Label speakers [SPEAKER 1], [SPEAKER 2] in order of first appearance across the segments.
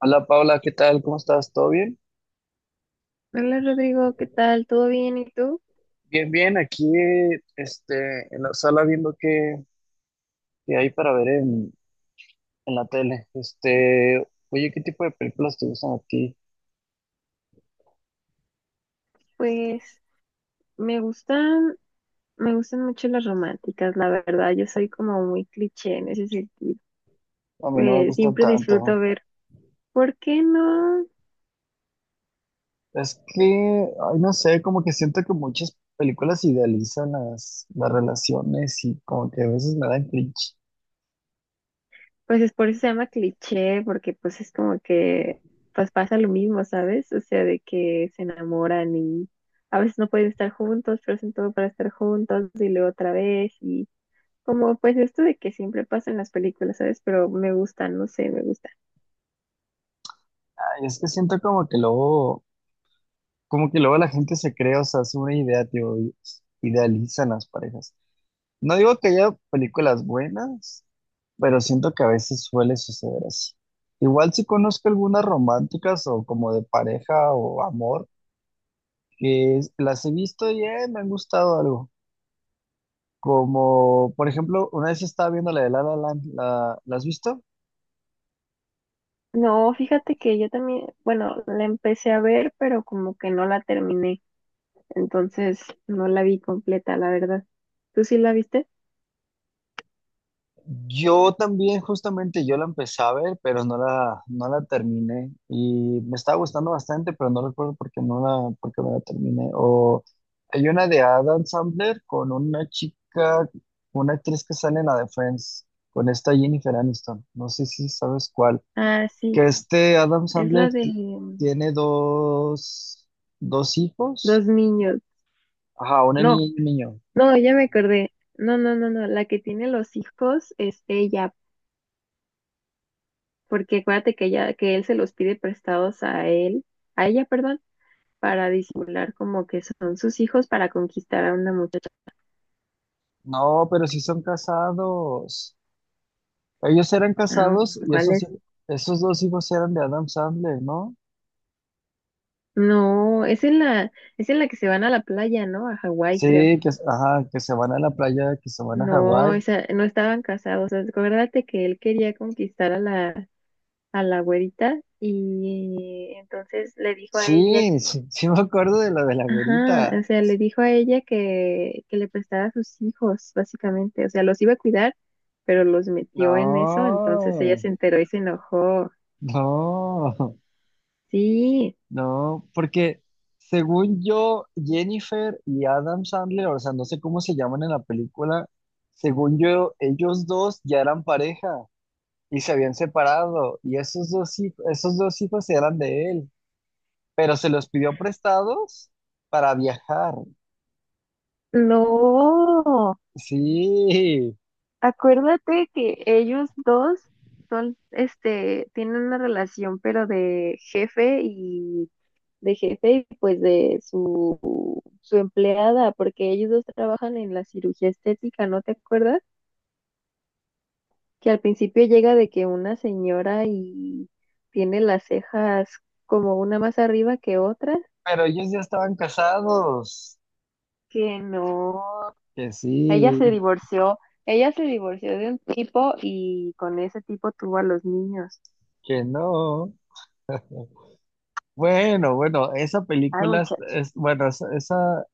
[SPEAKER 1] Hola Paula, ¿qué tal? ¿Cómo estás? ¿Todo bien?
[SPEAKER 2] Hola Rodrigo, ¿qué tal? ¿Todo bien? ¿Y tú?
[SPEAKER 1] Bien, bien, aquí en la sala viendo qué hay para ver en la tele. Oye, ¿qué tipo de películas te gustan a ti?
[SPEAKER 2] Pues me gustan, me gustan mucho las románticas, la verdad. Yo soy como muy cliché en ese sentido.
[SPEAKER 1] A mí no me gustan
[SPEAKER 2] Siempre disfruto
[SPEAKER 1] tanto.
[SPEAKER 2] ver, ¿por qué no?
[SPEAKER 1] Es que, ay, no sé, como que siento que muchas películas idealizan las relaciones y como que a veces me dan cringe.
[SPEAKER 2] Pues es por eso se llama cliché, porque pues es como que pues pasa lo mismo, ¿sabes? O sea, de que se enamoran y a veces no pueden estar juntos, pero hacen todo para estar juntos y luego otra vez y como pues esto de que siempre pasa en las películas, ¿sabes? Pero me gusta, no sé, me gusta.
[SPEAKER 1] Ay, es que siento como que luego la gente se crea, o sea, hace una idea, tío, y idealizan las parejas. No digo que haya películas buenas, pero siento que a veces suele suceder así. Igual si conozco algunas románticas o como de pareja o amor, las he visto y me han gustado algo. Como, por ejemplo, una vez estaba viendo la de La La Land, ¿la has visto?
[SPEAKER 2] No, fíjate que yo también, bueno, la empecé a ver, pero como que no la terminé. Entonces no la vi completa, la verdad. ¿Tú sí la viste?
[SPEAKER 1] Yo también, justamente, yo la empecé a ver, pero no la terminé. Y me estaba gustando bastante, pero no recuerdo por qué no la terminé. O hay una de Adam Sandler con una chica, una actriz que sale en la de Friends, con esta Jennifer Aniston. No sé si sabes cuál.
[SPEAKER 2] Ah, sí,
[SPEAKER 1] Que este Adam
[SPEAKER 2] es la
[SPEAKER 1] Sandler
[SPEAKER 2] de
[SPEAKER 1] ti- tiene dos, dos hijos.
[SPEAKER 2] dos niños.
[SPEAKER 1] Ajá, una niña
[SPEAKER 2] No,
[SPEAKER 1] y un niño.
[SPEAKER 2] no, ya me acordé. No, no, no, no, la que tiene los hijos es ella, porque acuérdate que ella, que él se los pide prestados a él, a ella, perdón, para disimular como que son sus hijos para conquistar a una muchacha.
[SPEAKER 1] No, pero sí son casados. Ellos eran
[SPEAKER 2] Ah,
[SPEAKER 1] casados y
[SPEAKER 2] ¿cuál es?
[SPEAKER 1] esos dos hijos eran de Adam Sandler, ¿no?
[SPEAKER 2] No, es en la que se van a la playa, ¿no? A Hawái, creo.
[SPEAKER 1] Sí, que, ajá, que se van a la playa, que se van a
[SPEAKER 2] No,
[SPEAKER 1] Hawái.
[SPEAKER 2] esa, no estaban casados. Acuérdate que él quería conquistar a a la güerita y entonces le dijo a ella.
[SPEAKER 1] Sí, sí, sí me acuerdo de lo de la
[SPEAKER 2] Ajá,
[SPEAKER 1] güerita.
[SPEAKER 2] o sea, le dijo a ella que le prestara a sus hijos, básicamente. O sea, los iba a cuidar, pero los metió en eso, entonces ella
[SPEAKER 1] No,
[SPEAKER 2] se enteró y se enojó.
[SPEAKER 1] no,
[SPEAKER 2] Sí,
[SPEAKER 1] no, porque según yo, Jennifer y Adam Sandler, o sea, no sé cómo se llaman en la película, según yo, ellos dos ya eran pareja y se habían separado y esos dos hijos eran de él, pero se los pidió prestados para viajar.
[SPEAKER 2] no,
[SPEAKER 1] Sí,
[SPEAKER 2] acuérdate que ellos dos son, este, tienen una relación, pero de jefe y pues su empleada, porque ellos dos trabajan en la cirugía estética, ¿no te acuerdas? Que al principio llega de que una señora y tiene las cejas como una más arriba que otras,
[SPEAKER 1] pero ellos ya estaban casados.
[SPEAKER 2] que no,
[SPEAKER 1] Que
[SPEAKER 2] ella se
[SPEAKER 1] sí,
[SPEAKER 2] divorció, de un tipo y con ese tipo tuvo a los niños.
[SPEAKER 1] que no. Bueno, bueno, esa
[SPEAKER 2] Ay,
[SPEAKER 1] película
[SPEAKER 2] muchacho.
[SPEAKER 1] es- bueno, esa, esa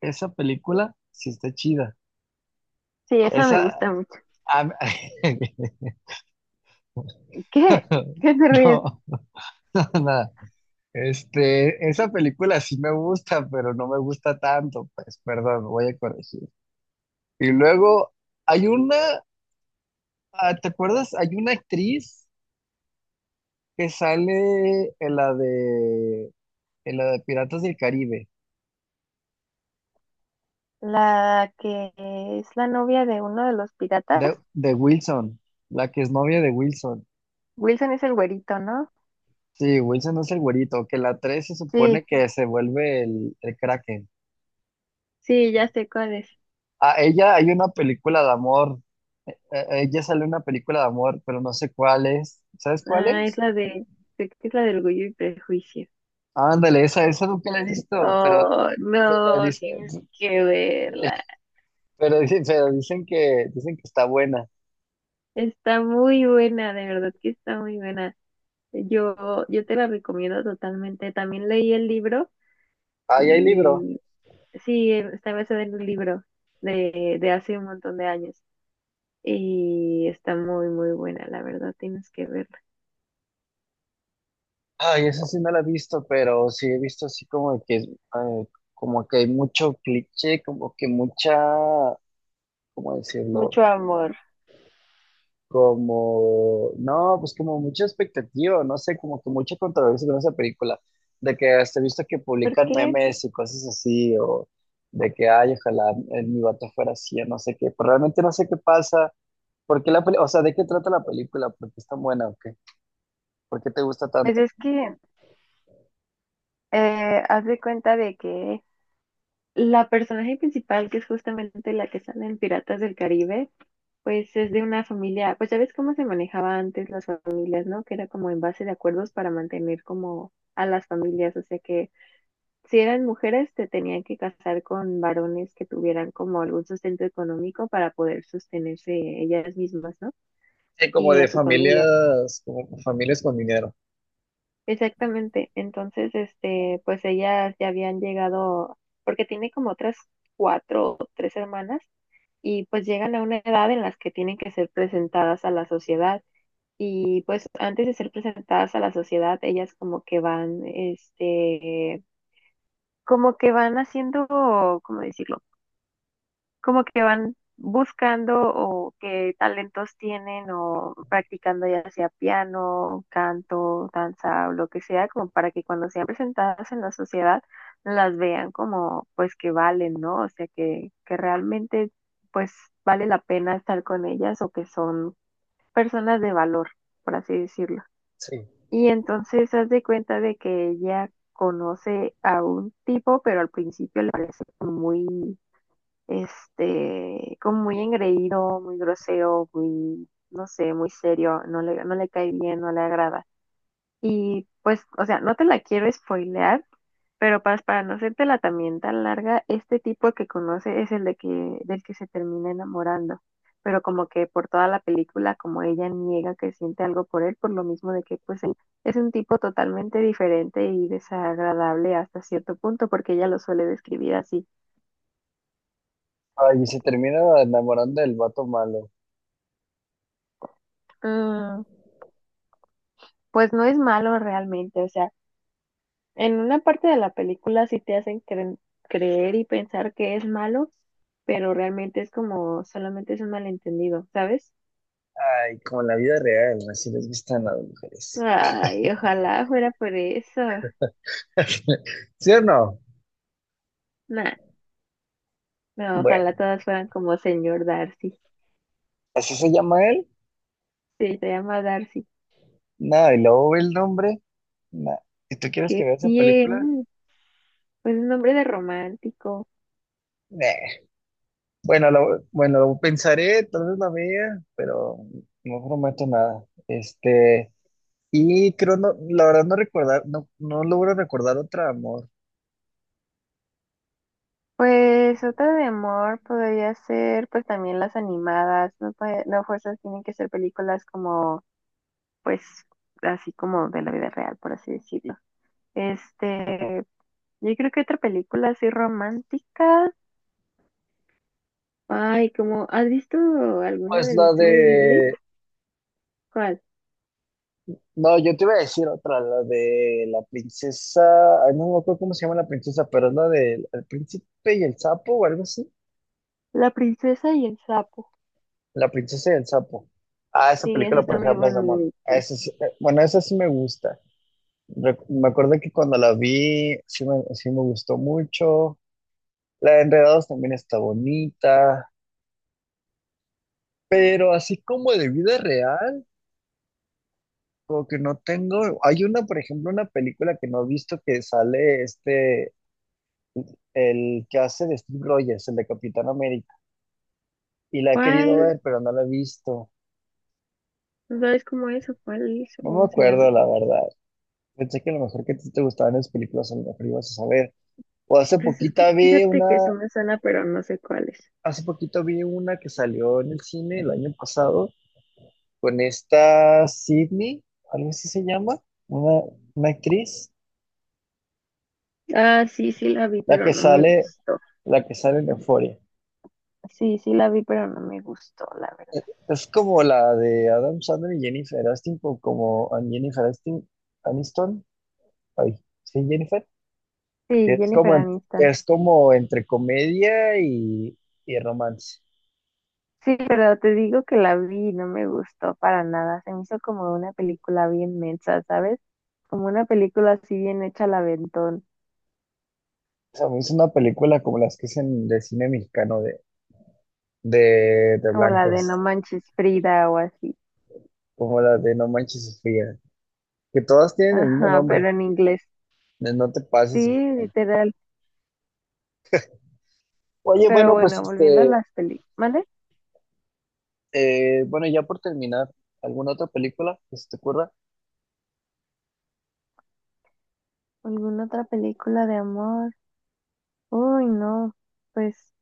[SPEAKER 1] esa película sí está chida.
[SPEAKER 2] Sí, esa me
[SPEAKER 1] Esa
[SPEAKER 2] gusta mucho.
[SPEAKER 1] a-
[SPEAKER 2] ¿Qué? ¿Qué te ríes?
[SPEAKER 1] no, nada. Esa película sí me gusta, pero no me gusta tanto, pues, perdón, voy a corregir. Y luego hay una. Ah, ¿te acuerdas? Hay una actriz que sale en la de Piratas del Caribe,
[SPEAKER 2] La que es la novia de uno de los piratas.
[SPEAKER 1] de Wilson, la que es novia de Wilson.
[SPEAKER 2] Wilson es el güerito, ¿no?
[SPEAKER 1] Sí, Wilson es el güerito, que la 3 se
[SPEAKER 2] Sí,
[SPEAKER 1] supone que se vuelve el Kraken.
[SPEAKER 2] sí, ya sé cuál es.
[SPEAKER 1] A ella hay una película de amor, ella sale en una película de amor, pero no sé cuál es. ¿Sabes cuál
[SPEAKER 2] Ah, es
[SPEAKER 1] es?
[SPEAKER 2] creo que es la del orgullo y prejuicio.
[SPEAKER 1] Ándale, esa nunca la he visto, pero,
[SPEAKER 2] Oh,
[SPEAKER 1] pero,
[SPEAKER 2] no,
[SPEAKER 1] dice,
[SPEAKER 2] tienes que verla.
[SPEAKER 1] pero dicen que está buena.
[SPEAKER 2] Está muy buena, de verdad que está muy buena. Yo te la recomiendo totalmente. También leí el libro
[SPEAKER 1] Ahí hay libro.
[SPEAKER 2] y sí, está basada en un libro de hace un montón de años. Y está muy, muy buena, la verdad, tienes que verla.
[SPEAKER 1] Ay, esa sí no la he visto, pero sí he visto así como que hay mucho cliché, como que mucha, ¿cómo decirlo?
[SPEAKER 2] Mucho amor.
[SPEAKER 1] Como, no, pues como mucha expectativa, no sé, como que mucha controversia con esa película, de que hasta he visto que
[SPEAKER 2] ¿Por
[SPEAKER 1] publican
[SPEAKER 2] qué?
[SPEAKER 1] memes y cosas así, o de que, ay, ojalá mi vato fuera así, o no sé qué, pero realmente no sé qué pasa, porque la peli, o sea, ¿de qué trata la película? ¿Por qué es tan buena o qué? ¿Por qué te gusta
[SPEAKER 2] Pues
[SPEAKER 1] tanto?
[SPEAKER 2] es que haz de cuenta de que la personaje principal, que es justamente la que sale en Piratas del Caribe, pues es de una familia, pues ya ves cómo se manejaba antes las familias, ¿no? Que era como en base de acuerdos para mantener como a las familias, o sea que si eran mujeres te tenían que casar con varones que tuvieran como algún sustento económico para poder sostenerse ellas mismas, ¿no?
[SPEAKER 1] Sí, como
[SPEAKER 2] Y a
[SPEAKER 1] de
[SPEAKER 2] su familia.
[SPEAKER 1] familias, como familias con dinero.
[SPEAKER 2] Exactamente. Entonces, este, pues ellas ya habían llegado, porque tiene como otras cuatro o tres hermanas y pues llegan a una edad en las que tienen que ser presentadas a la sociedad. Y pues antes de ser presentadas a la sociedad, ellas como que van, este, como que van haciendo, ¿cómo decirlo? Como que van buscando o qué talentos tienen o practicando ya sea piano, canto, danza o lo que sea, como para que cuando sean presentadas en la sociedad las vean como pues que valen, ¿no? O sea, que realmente pues vale la pena estar con ellas o que son personas de valor, por así decirlo.
[SPEAKER 1] Sí.
[SPEAKER 2] Y entonces haz de cuenta de que ella conoce a un tipo, pero al principio le parece como muy, este, como muy engreído, muy grosero, muy, no sé, muy serio, no le cae bien, no le agrada. Y pues, o sea, no te la quiero spoilear, pero para no hacértela también tan larga, este tipo que conoce es el del que se termina enamorando. Pero como que por toda la película, como ella niega que siente algo por él, por lo mismo de que pues él es un tipo totalmente diferente y desagradable hasta cierto punto, porque ella lo suele describir así.
[SPEAKER 1] Ay, y se termina enamorando del vato malo.
[SPEAKER 2] "Mm, pues no es malo realmente, o sea, en una parte de la película sí te hacen creer y pensar que es malo, pero realmente es como solamente es un malentendido, ¿sabes?
[SPEAKER 1] Ay, como en la vida real, así les gustan las mujeres.
[SPEAKER 2] Ay, ojalá fuera por eso.
[SPEAKER 1] ¿Sí o no?
[SPEAKER 2] Nah, no,
[SPEAKER 1] Bueno,
[SPEAKER 2] ojalá todas fueran como señor Darcy.
[SPEAKER 1] así se llama él.
[SPEAKER 2] Sí, se llama Darcy.
[SPEAKER 1] Nada, y luego ve el nombre. Nah. Si tú quieres que
[SPEAKER 2] ¿Qué
[SPEAKER 1] vea esa película,
[SPEAKER 2] tiene? Pues un nombre de romántico.
[SPEAKER 1] nah. Bueno, bueno, lo pensaré, tal vez la vea, pero no prometo nada. Y creo, no, la verdad no recordar, no, no logro recordar otra, amor.
[SPEAKER 2] Pues otra de amor podría ser pues también las animadas, no, no fuerzas tienen que ser películas como pues así como de la vida real, por así decirlo. Este, yo creo que otra película así romántica, ay, como, ¿has visto alguna
[SPEAKER 1] Pues
[SPEAKER 2] del
[SPEAKER 1] la
[SPEAKER 2] estudio Ghibli?
[SPEAKER 1] de,
[SPEAKER 2] ¿Cuál?
[SPEAKER 1] no, yo te iba a decir otra, la de la princesa, ay, no me acuerdo cómo se llama la princesa, pero es la de El Príncipe y el Sapo o algo así.
[SPEAKER 2] La princesa y el sapo.
[SPEAKER 1] La princesa y el Sapo. Ah, esa
[SPEAKER 2] Sí, esa
[SPEAKER 1] película, por
[SPEAKER 2] está muy
[SPEAKER 1] ejemplo, es de
[SPEAKER 2] buena.
[SPEAKER 1] amor. Esa sí me gusta. Me acuerdo que cuando la vi, sí me gustó mucho. La de Enredados también está bonita, pero así como de vida real, como que no tengo. Hay una, por ejemplo, una película que no he visto que sale el que hace de Steve Rogers, el de Capitán América, y la he querido
[SPEAKER 2] ¿Cuál?
[SPEAKER 1] ver, pero no la he visto.
[SPEAKER 2] ¿No? ¿Sabes cómo es o cuál es o
[SPEAKER 1] No me
[SPEAKER 2] cómo se
[SPEAKER 1] acuerdo,
[SPEAKER 2] llama?
[SPEAKER 1] la verdad. Pensé que a lo mejor que a ti te gustaban las películas, a lo mejor ibas a saber. O hace
[SPEAKER 2] Pues es que
[SPEAKER 1] poquita vi
[SPEAKER 2] fíjate que sí
[SPEAKER 1] una,
[SPEAKER 2] me suena, pero no sé cuál es.
[SPEAKER 1] hace poquito vi una que salió en el cine el año pasado con esta Sydney, algo así se llama, una, una actriz,
[SPEAKER 2] Ah, sí, sí la vi,
[SPEAKER 1] la
[SPEAKER 2] pero
[SPEAKER 1] que
[SPEAKER 2] no me
[SPEAKER 1] sale,
[SPEAKER 2] gustó.
[SPEAKER 1] la que sale en Euphoria.
[SPEAKER 2] Sí, sí la vi, pero no me gustó, la verdad.
[SPEAKER 1] Es como la de Adam Sandler y Jennifer Aniston, o como and Jennifer Aniston, ay, sí, Jennifer, que
[SPEAKER 2] Sí,
[SPEAKER 1] es
[SPEAKER 2] Jennifer
[SPEAKER 1] como,
[SPEAKER 2] Aniston.
[SPEAKER 1] es como entre y romance.
[SPEAKER 2] Sí, pero te digo que la vi y no me gustó para nada. Se me hizo como una película bien mensa, ¿sabes? Como una película así bien hecha al aventón.
[SPEAKER 1] O sea, es una película como las que hacen de cine mexicano de
[SPEAKER 2] Como la de No
[SPEAKER 1] blancos,
[SPEAKER 2] Manches Frida o así.
[SPEAKER 1] como la de No Manches Sofía, que todas tienen el mismo
[SPEAKER 2] Ajá, pero
[SPEAKER 1] nombre,
[SPEAKER 2] en inglés.
[SPEAKER 1] de No Te
[SPEAKER 2] Sí,
[SPEAKER 1] Pases.
[SPEAKER 2] literal.
[SPEAKER 1] Oye,
[SPEAKER 2] Pero
[SPEAKER 1] bueno, pues
[SPEAKER 2] bueno, volviendo a las películas. ¿Mande?
[SPEAKER 1] ya por terminar, ¿alguna otra película que se te ocurra?
[SPEAKER 2] ¿Alguna otra película de amor? Uy, no. Pues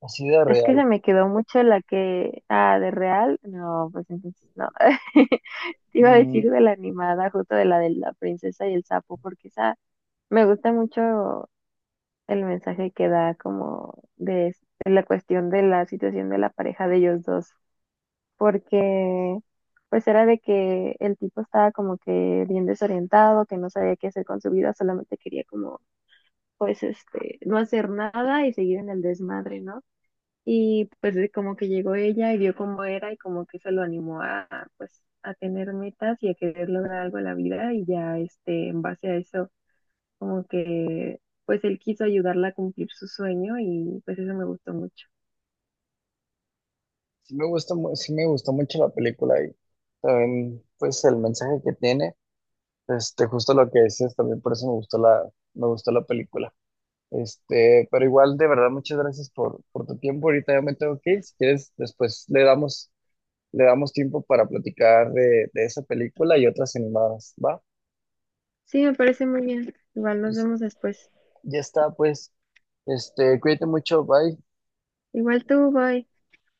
[SPEAKER 1] Así de
[SPEAKER 2] es que
[SPEAKER 1] real.
[SPEAKER 2] se me quedó mucho la que. Ah, de real. No, pues entonces no. Te iba a
[SPEAKER 1] Mm,
[SPEAKER 2] decir de la animada, justo de la princesa y el sapo, porque esa me gusta mucho el mensaje que da como de la cuestión de la situación de la pareja de ellos dos, porque pues era de que el tipo estaba como que bien desorientado, que no sabía qué hacer con su vida, solamente quería como pues este, no hacer nada y seguir en el desmadre, ¿no? Y pues de como que llegó ella y vio cómo era y como que eso lo animó a pues a tener metas y a querer lograr algo en la vida y ya este en base a eso como que pues él quiso ayudarla a cumplir su sueño y pues eso me gustó mucho.
[SPEAKER 1] sí me gustó mucho la película y también, pues el mensaje que tiene, este, justo lo que dices, también por eso me gustó me gustó la película. Este, pero igual, de verdad, muchas gracias por tu tiempo. Ahorita ya me tengo que ir. Si quieres, después le damos tiempo para platicar de esa película y otras animadas, ¿va?
[SPEAKER 2] Sí, me parece muy bien. Igual nos vemos después.
[SPEAKER 1] Ya está, pues, este, cuídate mucho, bye.
[SPEAKER 2] Igual tú, bye.